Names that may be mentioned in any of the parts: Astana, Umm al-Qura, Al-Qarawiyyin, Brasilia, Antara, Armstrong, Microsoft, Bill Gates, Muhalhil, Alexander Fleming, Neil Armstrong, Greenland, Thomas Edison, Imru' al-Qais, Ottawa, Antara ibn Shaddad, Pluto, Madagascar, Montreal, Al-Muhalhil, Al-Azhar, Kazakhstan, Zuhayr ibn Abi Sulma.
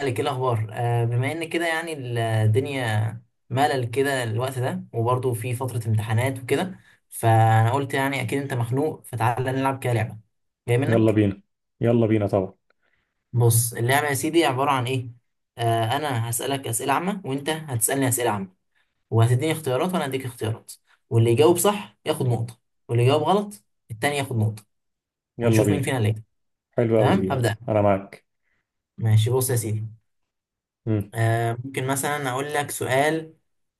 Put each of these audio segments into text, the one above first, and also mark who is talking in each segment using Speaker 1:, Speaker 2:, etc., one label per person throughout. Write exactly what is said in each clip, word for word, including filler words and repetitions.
Speaker 1: مالك ايه الاخبار، آه بما ان كده يعني الدنيا ملل كده الوقت ده، وبرضه في فترة امتحانات وكده، فانا قلت يعني اكيد انت مخنوق، فتعالى نلعب كده لعبة جاي
Speaker 2: يلا
Speaker 1: منك.
Speaker 2: بينا. يلا بينا طبعا.
Speaker 1: بص اللعبة يا سيدي عبارة عن ايه. آه انا هسألك اسئلة عامة، وانت هتسألني اسئلة عامة، وهتديني اختيارات وانا هديك اختيارات، واللي يجاوب صح ياخد نقطة، واللي يجاوب غلط التاني ياخد نقطة،
Speaker 2: يلا
Speaker 1: ونشوف مين
Speaker 2: بينا،
Speaker 1: فينا اللي يكسب.
Speaker 2: حلو قوي دي،
Speaker 1: تمام
Speaker 2: يلا
Speaker 1: هبدأ.
Speaker 2: انا معاك.
Speaker 1: ماشي بص يا سيدي.
Speaker 2: امم.
Speaker 1: آه، ممكن مثلا أقول لك سؤال.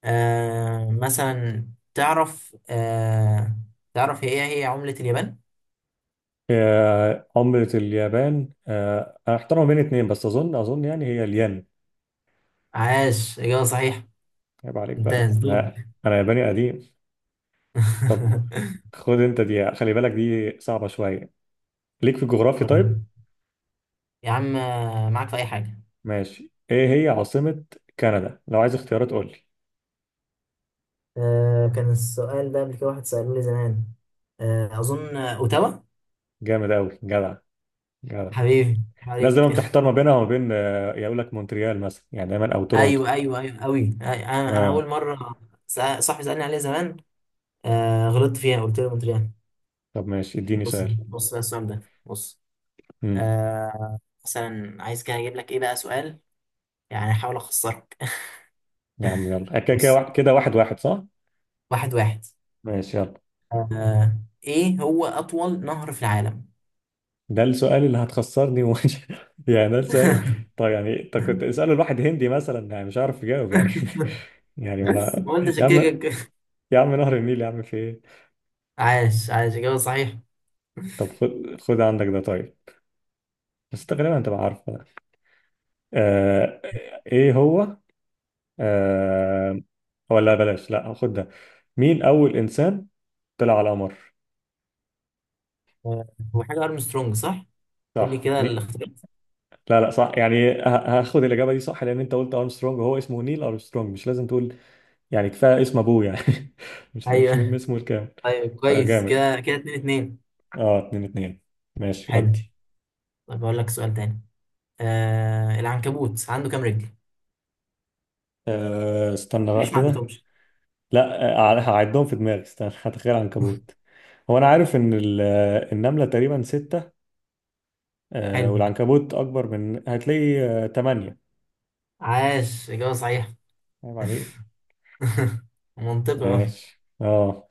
Speaker 1: آه، مثلا تعرف آه، تعرف هي هي عملة اليابان؟
Speaker 2: آه، عملة اليابان، آه، انا احترم بين اتنين، بس اظن اظن يعني هي الين.
Speaker 1: عاش، إجابة صحيحة.
Speaker 2: عيب عليك بقى،
Speaker 1: انتهز دور.
Speaker 2: انا انا ياباني قديم. طب، خد انت دي، خلي بالك دي صعبة شوية، ليك في الجغرافيا. طيب.
Speaker 1: وريني. يا عم، آه، معاك في أي حاجة.
Speaker 2: ماشي. ايه هي عاصمة كندا؟ لو عايز اختيارات قول لي.
Speaker 1: آه، كان السؤال ده قبل كده، واحد سأله لي زمان. آه، أظن آه، أوتاوا.
Speaker 2: جامد قوي، جدع جدع.
Speaker 1: حبيبي
Speaker 2: الناس
Speaker 1: عليك.
Speaker 2: دايما بتحتار ما بينها وما بين، آه، يقول لك مونتريال مثلا، يعني دايما او تورونتو.
Speaker 1: أيوه، أيوه، أيوه، أوي. أنا أنا أول
Speaker 2: اه.
Speaker 1: مرة سأ- صاحبي سألني عليه زمان. آه، غلطت فيها قلت له مونتريال.
Speaker 2: طب، ماشي، اديني
Speaker 1: بص
Speaker 2: سؤال.
Speaker 1: بص بقى السؤال ده. بص،
Speaker 2: مم.
Speaker 1: آه مثلا عايز كده اجيب لك ايه بقى سؤال، يعني احاول اخسرك.
Speaker 2: يا عم يلا، آه، كده كده
Speaker 1: بص.
Speaker 2: وا- كده واحد واحد، صح؟
Speaker 1: واحد واحد.
Speaker 2: ماشي، يلا.
Speaker 1: آه ايه هو اطول نهر في العالم؟
Speaker 2: ده السؤال اللي هتخسرني ومش، يعني ده السؤال. طب يعني انت كنت اسأله الواحد هندي مثلا، يعني مش عارف يجاوب يعني. يعني ما انا.
Speaker 1: هو انت
Speaker 2: يا عم.
Speaker 1: شكلك.
Speaker 2: يا عم، نهر النيل يا عم، في ايه؟
Speaker 1: عاش، عاش، اجابه صحيح.
Speaker 2: طب، خد خد عندك ده. طيب. بس انت غالبا انت بقى عارفه ده. آه... ايه هو؟ آه... ولا بلاش، لا، خد ده. مين أول إنسان طلع على القمر؟
Speaker 1: آه، هو حاجه ارمسترونج، صح؟ قول لي
Speaker 2: صح
Speaker 1: كده
Speaker 2: ني...
Speaker 1: الاختيار.
Speaker 2: لا لا، صح يعني ه- هاخد الإجابة دي صح، لأن أنت قلت أرمسترونج وهو اسمه نيل أرمسترونج، مش لازم تقول. يعني كفايه اسم ابوه يعني. مش مش مهم
Speaker 1: ايوه.
Speaker 2: اسمه الكامل.
Speaker 1: طيب، كويس
Speaker 2: فجامد.
Speaker 1: كده. كده اتنين اتنين.
Speaker 2: اه، اتنين اتنين. ماشي،
Speaker 1: حلو.
Speaker 2: ودي.
Speaker 1: طيب اقول لك سؤال تاني. آه العنكبوت عنده كام رجل؟
Speaker 2: آه استنى بقى
Speaker 1: ليش ما
Speaker 2: كده.
Speaker 1: عدتهمش.
Speaker 2: لا. آه، هعدهم في دماغي، استنى هتخيل عنكبوت. هو انا عارف ان ال- آه، النمله تقريبا ستة. آه
Speaker 1: حلو.
Speaker 2: والعنكبوت اكبر من، هتلاقي آه تمانية.
Speaker 1: عاش، اجابه صحيحه.
Speaker 2: عيب عليك.
Speaker 1: منطقي، اه.
Speaker 2: ماشي، اه.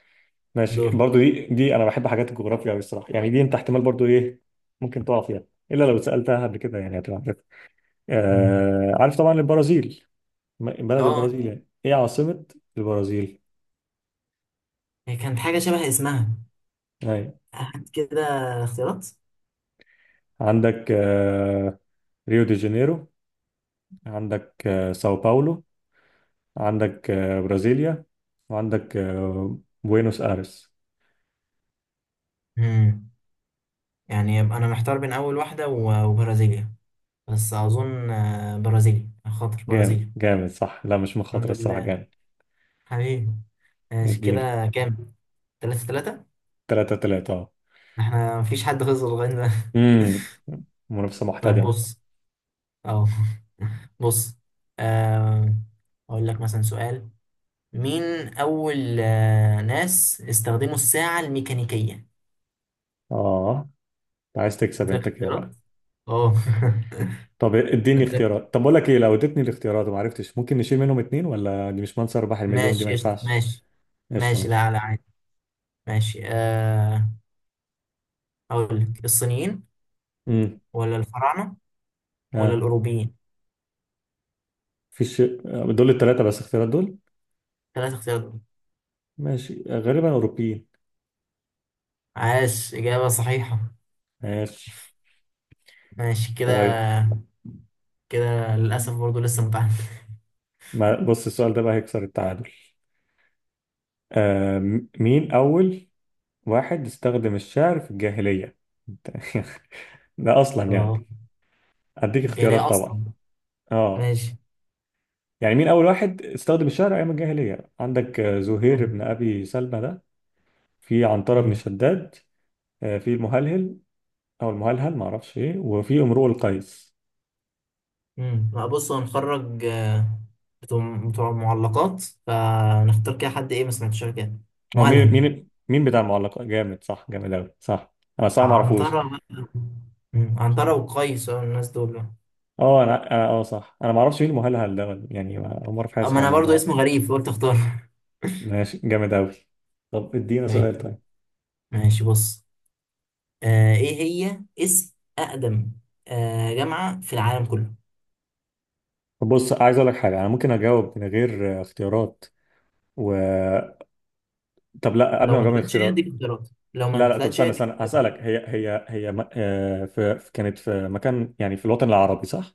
Speaker 2: ماشي
Speaker 1: دور.
Speaker 2: برضو دي دي، انا بحب حاجات الجغرافيا قوي الصراحه، يعني دي انت احتمال برضو ايه. ممكن تقع فيها. الا لو سالتها قبل كده، يعني هتبقى عارف.
Speaker 1: مم.
Speaker 2: آه عارف طبعا البرازيل. م- بلد
Speaker 1: اه.
Speaker 2: البرازيل، يعني ايه عاصمة البرازيل؟
Speaker 1: هي كانت حاجة شبه اسمها.
Speaker 2: يعني.
Speaker 1: هات كده اختيارات.
Speaker 2: عندك آه، ريو دي جانيرو، عندك آه، ساو باولو، عندك آه، برازيليا، وعندك آه، بوينوس ايرس.
Speaker 1: مم. يعني يبقى أنا محتار بين أول واحدة و- وبرازيليا، بس أظن آه، برازيليا، خاطر
Speaker 2: جامد
Speaker 1: برازيليا.
Speaker 2: جامد، صح، لا مش مخاطرة
Speaker 1: الحمد
Speaker 2: الصراحة،
Speaker 1: لله.
Speaker 2: جامد.
Speaker 1: حبيبي. ماشي،
Speaker 2: ادينا.
Speaker 1: كده كام؟ تلاتة تلاتة؟
Speaker 2: تلاتة تلاتة، اه.
Speaker 1: احنا مفيش حد خسر لغاية دلوقتي.
Speaker 2: امم. منافسة
Speaker 1: طب
Speaker 2: محتدمة.
Speaker 1: بص. اه. بص. آه، أقول لك مثلا سؤال. مين أول آه، ناس استخدموا الساعة الميكانيكية؟
Speaker 2: اه، أنت عايز تكسب
Speaker 1: أديلك
Speaker 2: انت كده
Speaker 1: اختيارات؟
Speaker 2: بقى.
Speaker 1: أه.
Speaker 2: طب اديني
Speaker 1: أديلك-
Speaker 2: اختيارات. طب بقول لك ايه، لو اديتني الاختيارات وما عرفتش ممكن نشيل منهم اتنين، ولا دي مش منصة ارباح المليون دي ما
Speaker 1: ماشي قشطة.
Speaker 2: ينفعش.
Speaker 1: ماشي
Speaker 2: قشطة،
Speaker 1: ماشي، لا
Speaker 2: ماشي.
Speaker 1: لا عادي. ماشي آه، أقول لك الصينيين، ولا الفراعنة، ولا
Speaker 2: امم.
Speaker 1: الأوروبيين؟
Speaker 2: في الشيء. دول التلاتة بس، اختيارات دول.
Speaker 1: ثلاث اختيارات دول.
Speaker 2: ماشي، غالبا أوروبيين.
Speaker 1: عاش، إجابة صحيحة.
Speaker 2: ماشي.
Speaker 1: ماشي كده.
Speaker 2: طيب.
Speaker 1: كده للأسف برضو لسه متعلم.
Speaker 2: ما بص، السؤال ده بقى هيكسر التعادل. آم، مين أول واحد استخدم الشعر في الجاهلية؟ ده أصلا يعني.
Speaker 1: أه.
Speaker 2: أديك
Speaker 1: الجاهلية
Speaker 2: اختيارات طبعا.
Speaker 1: أصلا.
Speaker 2: اه. يعني مين أول واحد استخدم الشعر أيام الجاهلية؟ عندك آه، زهير
Speaker 1: ماشي.
Speaker 2: بن أبي سلمى، ده في عنترة بن شداد، آه، في المهلهل، أو المهلهل معرفش إيه، وفي امرؤ القيس.
Speaker 1: امم، لا بص هنخرج آه، بتوع بتوع معلقات، فنختار كده حد ايه ما سمعتش قبل كده.
Speaker 2: هو مين
Speaker 1: مهلهل.
Speaker 2: مين مين بتاع المعلقات، جامد، صح، جامد قوي، صح. انا صح ما اعرفوش.
Speaker 1: عنترة بقى. مم، عنترة وقيس آه، الناس دول بقى.
Speaker 2: اه، انا انا اه صح، انا ما اعرفش مين المهلهل ده ولا- يعني ما- اول مره في حياتي
Speaker 1: اما
Speaker 2: اسمع
Speaker 1: انا برضو
Speaker 2: الموضوع.
Speaker 1: اسمه غريب فقلت اختار.
Speaker 2: ماشي، جامد قوي. طب ادينا سؤال.
Speaker 1: ماشي.
Speaker 2: طيب.
Speaker 1: ماشي، بص. آه ايه هي اسم اقدم آه جامعة في العالم كله؟
Speaker 2: طب بص، عايز اقول لك حاجه، انا ممكن اجاوب من غير آه، اختيارات. و طب لا، قبل
Speaker 1: لو
Speaker 2: ما
Speaker 1: ما
Speaker 2: اجاوب من
Speaker 1: طلعتش هي اديك
Speaker 2: الاختيارات.
Speaker 1: اختيارات. لو ما
Speaker 2: لا لا، طب
Speaker 1: طلعتش هي
Speaker 2: استنى
Speaker 1: اديك
Speaker 2: استنى،
Speaker 1: اختيارات.
Speaker 2: هسالك هي هي هي م... آه، في... في- كانت في مكان، يعني في الوطن العربي، صح؟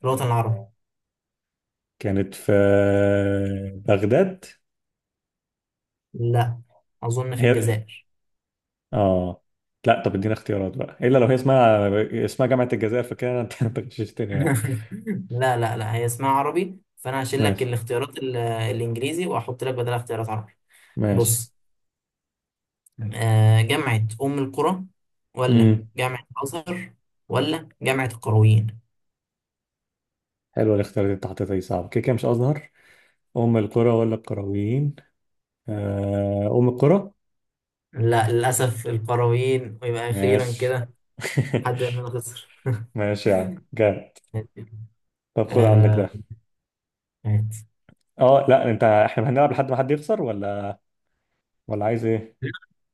Speaker 1: في الوطن العربي.
Speaker 2: كانت في بغداد.
Speaker 1: لا، اظن في
Speaker 2: هي.
Speaker 1: الجزائر.
Speaker 2: اه. لا، طب ادينا اختيارات بقى، الا لو هي اسمها. اسمها جامعة الجزائر، فكده انت انت غششتني يعني.
Speaker 1: لا لا لا هي اسمها عربي، فانا هشيل لك
Speaker 2: ماشي.
Speaker 1: الاختيارات ال- الانجليزي واحط لك بدلها اختيارات عربي.
Speaker 2: ماشي.
Speaker 1: بص. آه، جامعة ام القرى، ولا
Speaker 2: امم.
Speaker 1: جامعة الازهر، ولا جامعة القرويين؟
Speaker 2: حلوة الاختيارات اللي انت حطيتها دي، صعبة كده كده، مش ازهر. ام القرى ولا القرويين؟ آه ام القرى.
Speaker 1: لا للاسف القرويين، ويبقى اخيرا
Speaker 2: ماشي.
Speaker 1: كده حد مننا خسر.
Speaker 2: ماشي يا عم، جامد. طب خد عندك
Speaker 1: آه،
Speaker 2: ده.
Speaker 1: مات.
Speaker 2: اه لا، انت احنا هنلعب لحد ما حد يخسر، ولا ولا عايز ايه؟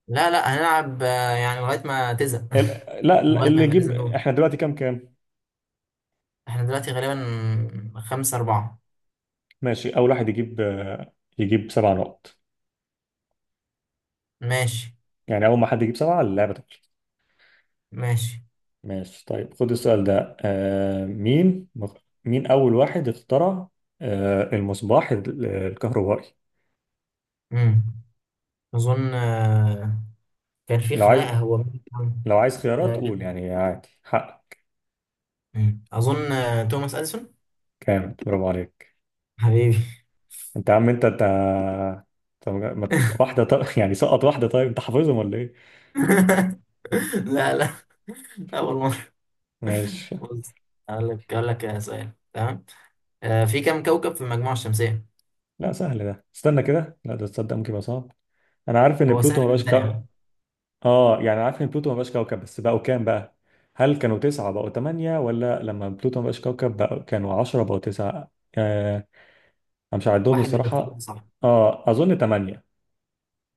Speaker 1: لا لا، هنلعب آه، يعني لغاية ما تزهق.
Speaker 2: ال- لا لا،
Speaker 1: لغاية ما
Speaker 2: اللي
Speaker 1: يبقى
Speaker 2: يجيب،
Speaker 1: لازم نقول.
Speaker 2: احنا دلوقتي كام كام؟
Speaker 1: احنا دلوقتي غالبا خمسة أربعة.
Speaker 2: ماشي، اول واحد يجيب آه، يجيب سبع نقط.
Speaker 1: ماشي.
Speaker 2: يعني اول ما حد يجيب سبعة، اللعبة.
Speaker 1: ماشي،
Speaker 2: ماشي، طيب خد السؤال ده. آه مين مين أول واحد اخترع آه المصباح ال- الكهربائي؟
Speaker 1: مم. أظن آه، كان في
Speaker 2: لو عايز
Speaker 1: خناقة، هو مين كان-
Speaker 2: لو عايز خيارات
Speaker 1: آه،
Speaker 2: قول، يعني عادي، حق.
Speaker 1: مم. أظن آه، توماس أديسون.
Speaker 2: كامل، برافو عليك.
Speaker 1: حبيبي.
Speaker 2: انت يا عم، انت انت. طب ما ت- واحدة، طب يعني سقط واحدة، طيب انت حافظهم ولا ايه؟
Speaker 1: لا لا، أول مرة.
Speaker 2: ماشي.
Speaker 1: بص. أقول لك أقول لك آه، سؤال تمام. آه، في كم كوكب في المجموعة الشمسية؟
Speaker 2: لا سهل ده، استنى كده، لا ده تصدق ممكن يبقى صعب. انا عارف ان
Speaker 1: هو
Speaker 2: بلوتو ما
Speaker 1: سهل من الثاني،
Speaker 2: بقاش.
Speaker 1: عم.
Speaker 2: اه يعني عارف ان بلوتو ما بقاش كوكب، بس بقوا كام بقى؟ هل كانوا تسعة بقوا تمانية، ولا لما بلوتو ما بقاش كوكب بقوا، كانوا عشرة بقوا تسعة؟ آه. انا مش عندهم
Speaker 1: واحد من الاختيارات
Speaker 2: الصراحة.
Speaker 1: صح.
Speaker 2: اه، اظن تمانية.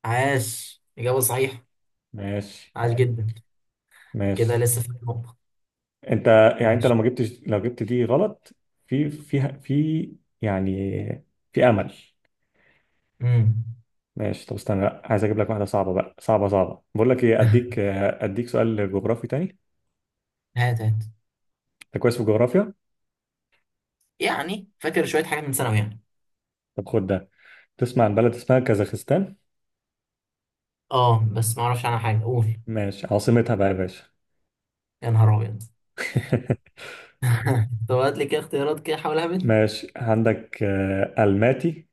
Speaker 1: عاش، إجابة صحيحة.
Speaker 2: ماشي.
Speaker 1: عاش جدا. كده
Speaker 2: ماشي.
Speaker 1: لسه في نقطة.
Speaker 2: انت. يعني انت لو
Speaker 1: ماشي.
Speaker 2: ما جبتش، لو جبت دي غلط. في في في يعني في امل.
Speaker 1: مم.
Speaker 2: ماشي، طب استنى، لا عايز اجيب لك واحدة صعبة بقى، صعبة صعبة، بقول لك ايه، اديك آه، اديك سؤال جغرافي تاني.
Speaker 1: هات هات.
Speaker 2: انت كويس في الجغرافيا؟
Speaker 1: يعني فاكر شوية حاجات من ثانوي يعني.
Speaker 2: طب خد ده. تسمع عن بلد اسمها كازاخستان؟
Speaker 1: اه، بس ما اعرفش عنها حاجة، قول.
Speaker 2: ماشي، عاصمتها بقى يا باشا؟
Speaker 1: يا نهار أبيض. طب هات لي كده اختيارات، كده حاول اهبد.
Speaker 2: ماشي، عندك آه، الماتي،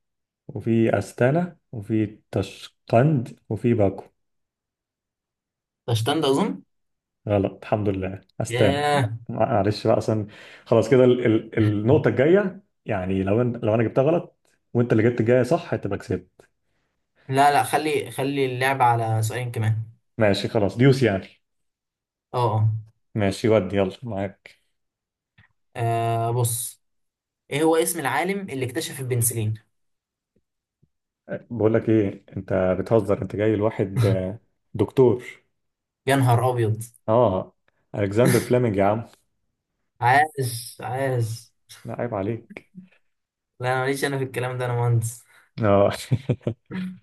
Speaker 2: وفي استانا، وفي تشقند، وفي باكو.
Speaker 1: ده اشتند اظن.
Speaker 2: غلط، الحمد لله، استانا.
Speaker 1: ياه.
Speaker 2: معلش بقى اصلا. خلاص كده، ال- ال- النقطه الجايه، يعني لو أن... لو انا جبتها غلط. وانت اللي جبت الجايه صح، هتبقى كسبت.
Speaker 1: لا لا، خلي خلي اللعب على سؤالين كمان.
Speaker 2: ماشي، خلاص، ديوس يعني.
Speaker 1: اه، اه.
Speaker 2: ماشي، ودي، يلا معاك.
Speaker 1: آه، بص. ايه هو اسم العالم اللي اكتشف البنسلين؟
Speaker 2: أه، بقول لك ايه، انت بتهزر، انت جاي لواحد آه، دكتور.
Speaker 1: يا نهار ابيض.
Speaker 2: اه، الكسندر فليمنج يا عم.
Speaker 1: عاش، عاش.
Speaker 2: لا، عيب عليك.
Speaker 1: لا، انا ماليش انا في الكلام ده، انا مهندس.
Speaker 2: اه.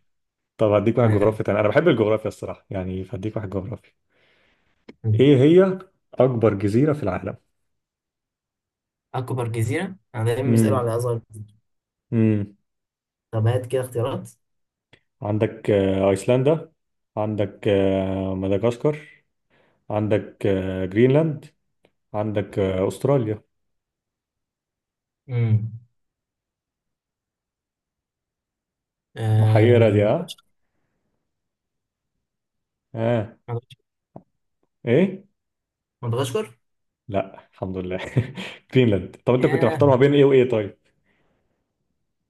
Speaker 2: طب هديك واحد
Speaker 1: تمام.
Speaker 2: جغرافي تاني، انا بحب الجغرافيا الصراحه يعني، فهديك واحد جغرافي. ايه هي اكبر جزيره في العالم؟
Speaker 1: اكبر جزيره، انا دايما بيسالوا
Speaker 2: امم.
Speaker 1: على اصغر جزيره.
Speaker 2: امم.
Speaker 1: طب هات كده اختيارات.
Speaker 2: عندك آه، ايسلندا، عندك آه، مدغشقر، عندك آه، جرينلاند، عندك آه، استراليا.
Speaker 1: امم.
Speaker 2: محيره
Speaker 1: آه،
Speaker 2: دي، ها؟ اه.
Speaker 1: مدغشقر.
Speaker 2: ايه؟
Speaker 1: مدغشقر.
Speaker 2: لا، الحمد لله. جرينلاند. طب انت كنت
Speaker 1: ياه.
Speaker 2: محتار ما بين ايه وايه؟ طيب.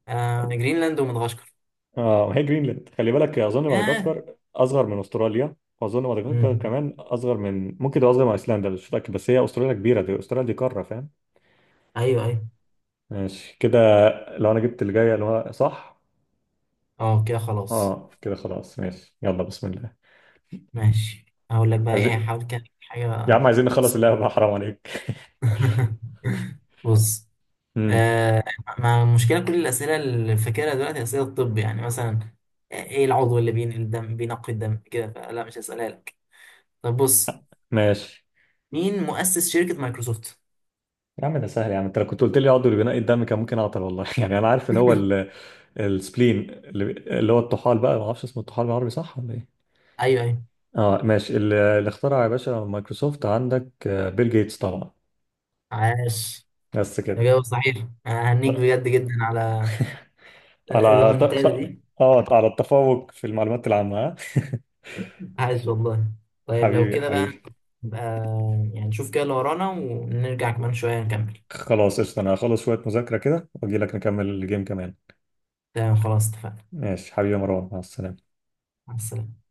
Speaker 1: آه، جرينلاند ومدغشقر.
Speaker 2: اه، ما هي جرينلاند، خلي بالك، اظن مدغشقر اصغر من استراليا. واظن مدغشقر
Speaker 1: ياه،
Speaker 2: كمان اصغر من ممكن تبقى اصغر من ايسلندا، مش متاكد، بس هي استراليا كبيره دي، استراليا دي قاره، فاهم؟
Speaker 1: ايوه ايوه.
Speaker 2: ماشي كده، لو انا جبت اللي جايه اللي هو صح.
Speaker 1: اه كده خلاص.
Speaker 2: اه كده خلاص، ماشي، يلا بسم الله.
Speaker 1: ماشي. هقول لك بقى ايه،
Speaker 2: عايزين،
Speaker 1: حاول كده حاجه.
Speaker 2: يا عم عايزين نخلص اللعبه بقى، حرام عليك.
Speaker 1: بص.
Speaker 2: امم.
Speaker 1: آه ما المشكله، كل الاسئله اللي فاكرها دلوقتي اسئله الطب، يعني مثلا ايه العضو اللي بينقل الدم، بينقي الدم كده، فلا مش هسالها لك. طب بص.
Speaker 2: ماشي،
Speaker 1: مين مؤسس شركه مايكروسوفت؟
Speaker 2: يا عم ده سهل، يا عم انت لو كنت قلت لي عضو بناء الدم كان ممكن اعطل والله، يعني انا عارف ان هو ال... السبلين اللي، اللي هو الطحال بقى، ما اعرفش اسمه الطحال بالعربي صح ولا ايه؟
Speaker 1: ايوه، ايوه.
Speaker 2: اه ماشي، ال- اللي اخترع يا باشا مايكروسوفت، عندك آه، بيل جيتس طبعا.
Speaker 1: عاش،
Speaker 2: بس كده.
Speaker 1: اجابه صحيح. أنا هنيك بجد جدا على
Speaker 2: على ط... ط...
Speaker 1: الريمونتادا دي.
Speaker 2: اه، على التفوق في المعلومات العامة، ها؟
Speaker 1: عاش والله. طيب لو
Speaker 2: حبيبي
Speaker 1: كده بقى،
Speaker 2: حبيبي.
Speaker 1: نبقى يعني نشوف كده اللي ورانا، ونرجع كمان شوية نكمل.
Speaker 2: خلاص قشطة، انا هخلص شوية مذاكرة كده واجي لك نكمل الجيم كمان.
Speaker 1: تمام خلاص، اتفقنا.
Speaker 2: ماشي حبيبي، يا مروان، مع السلامة.
Speaker 1: مع السلامة.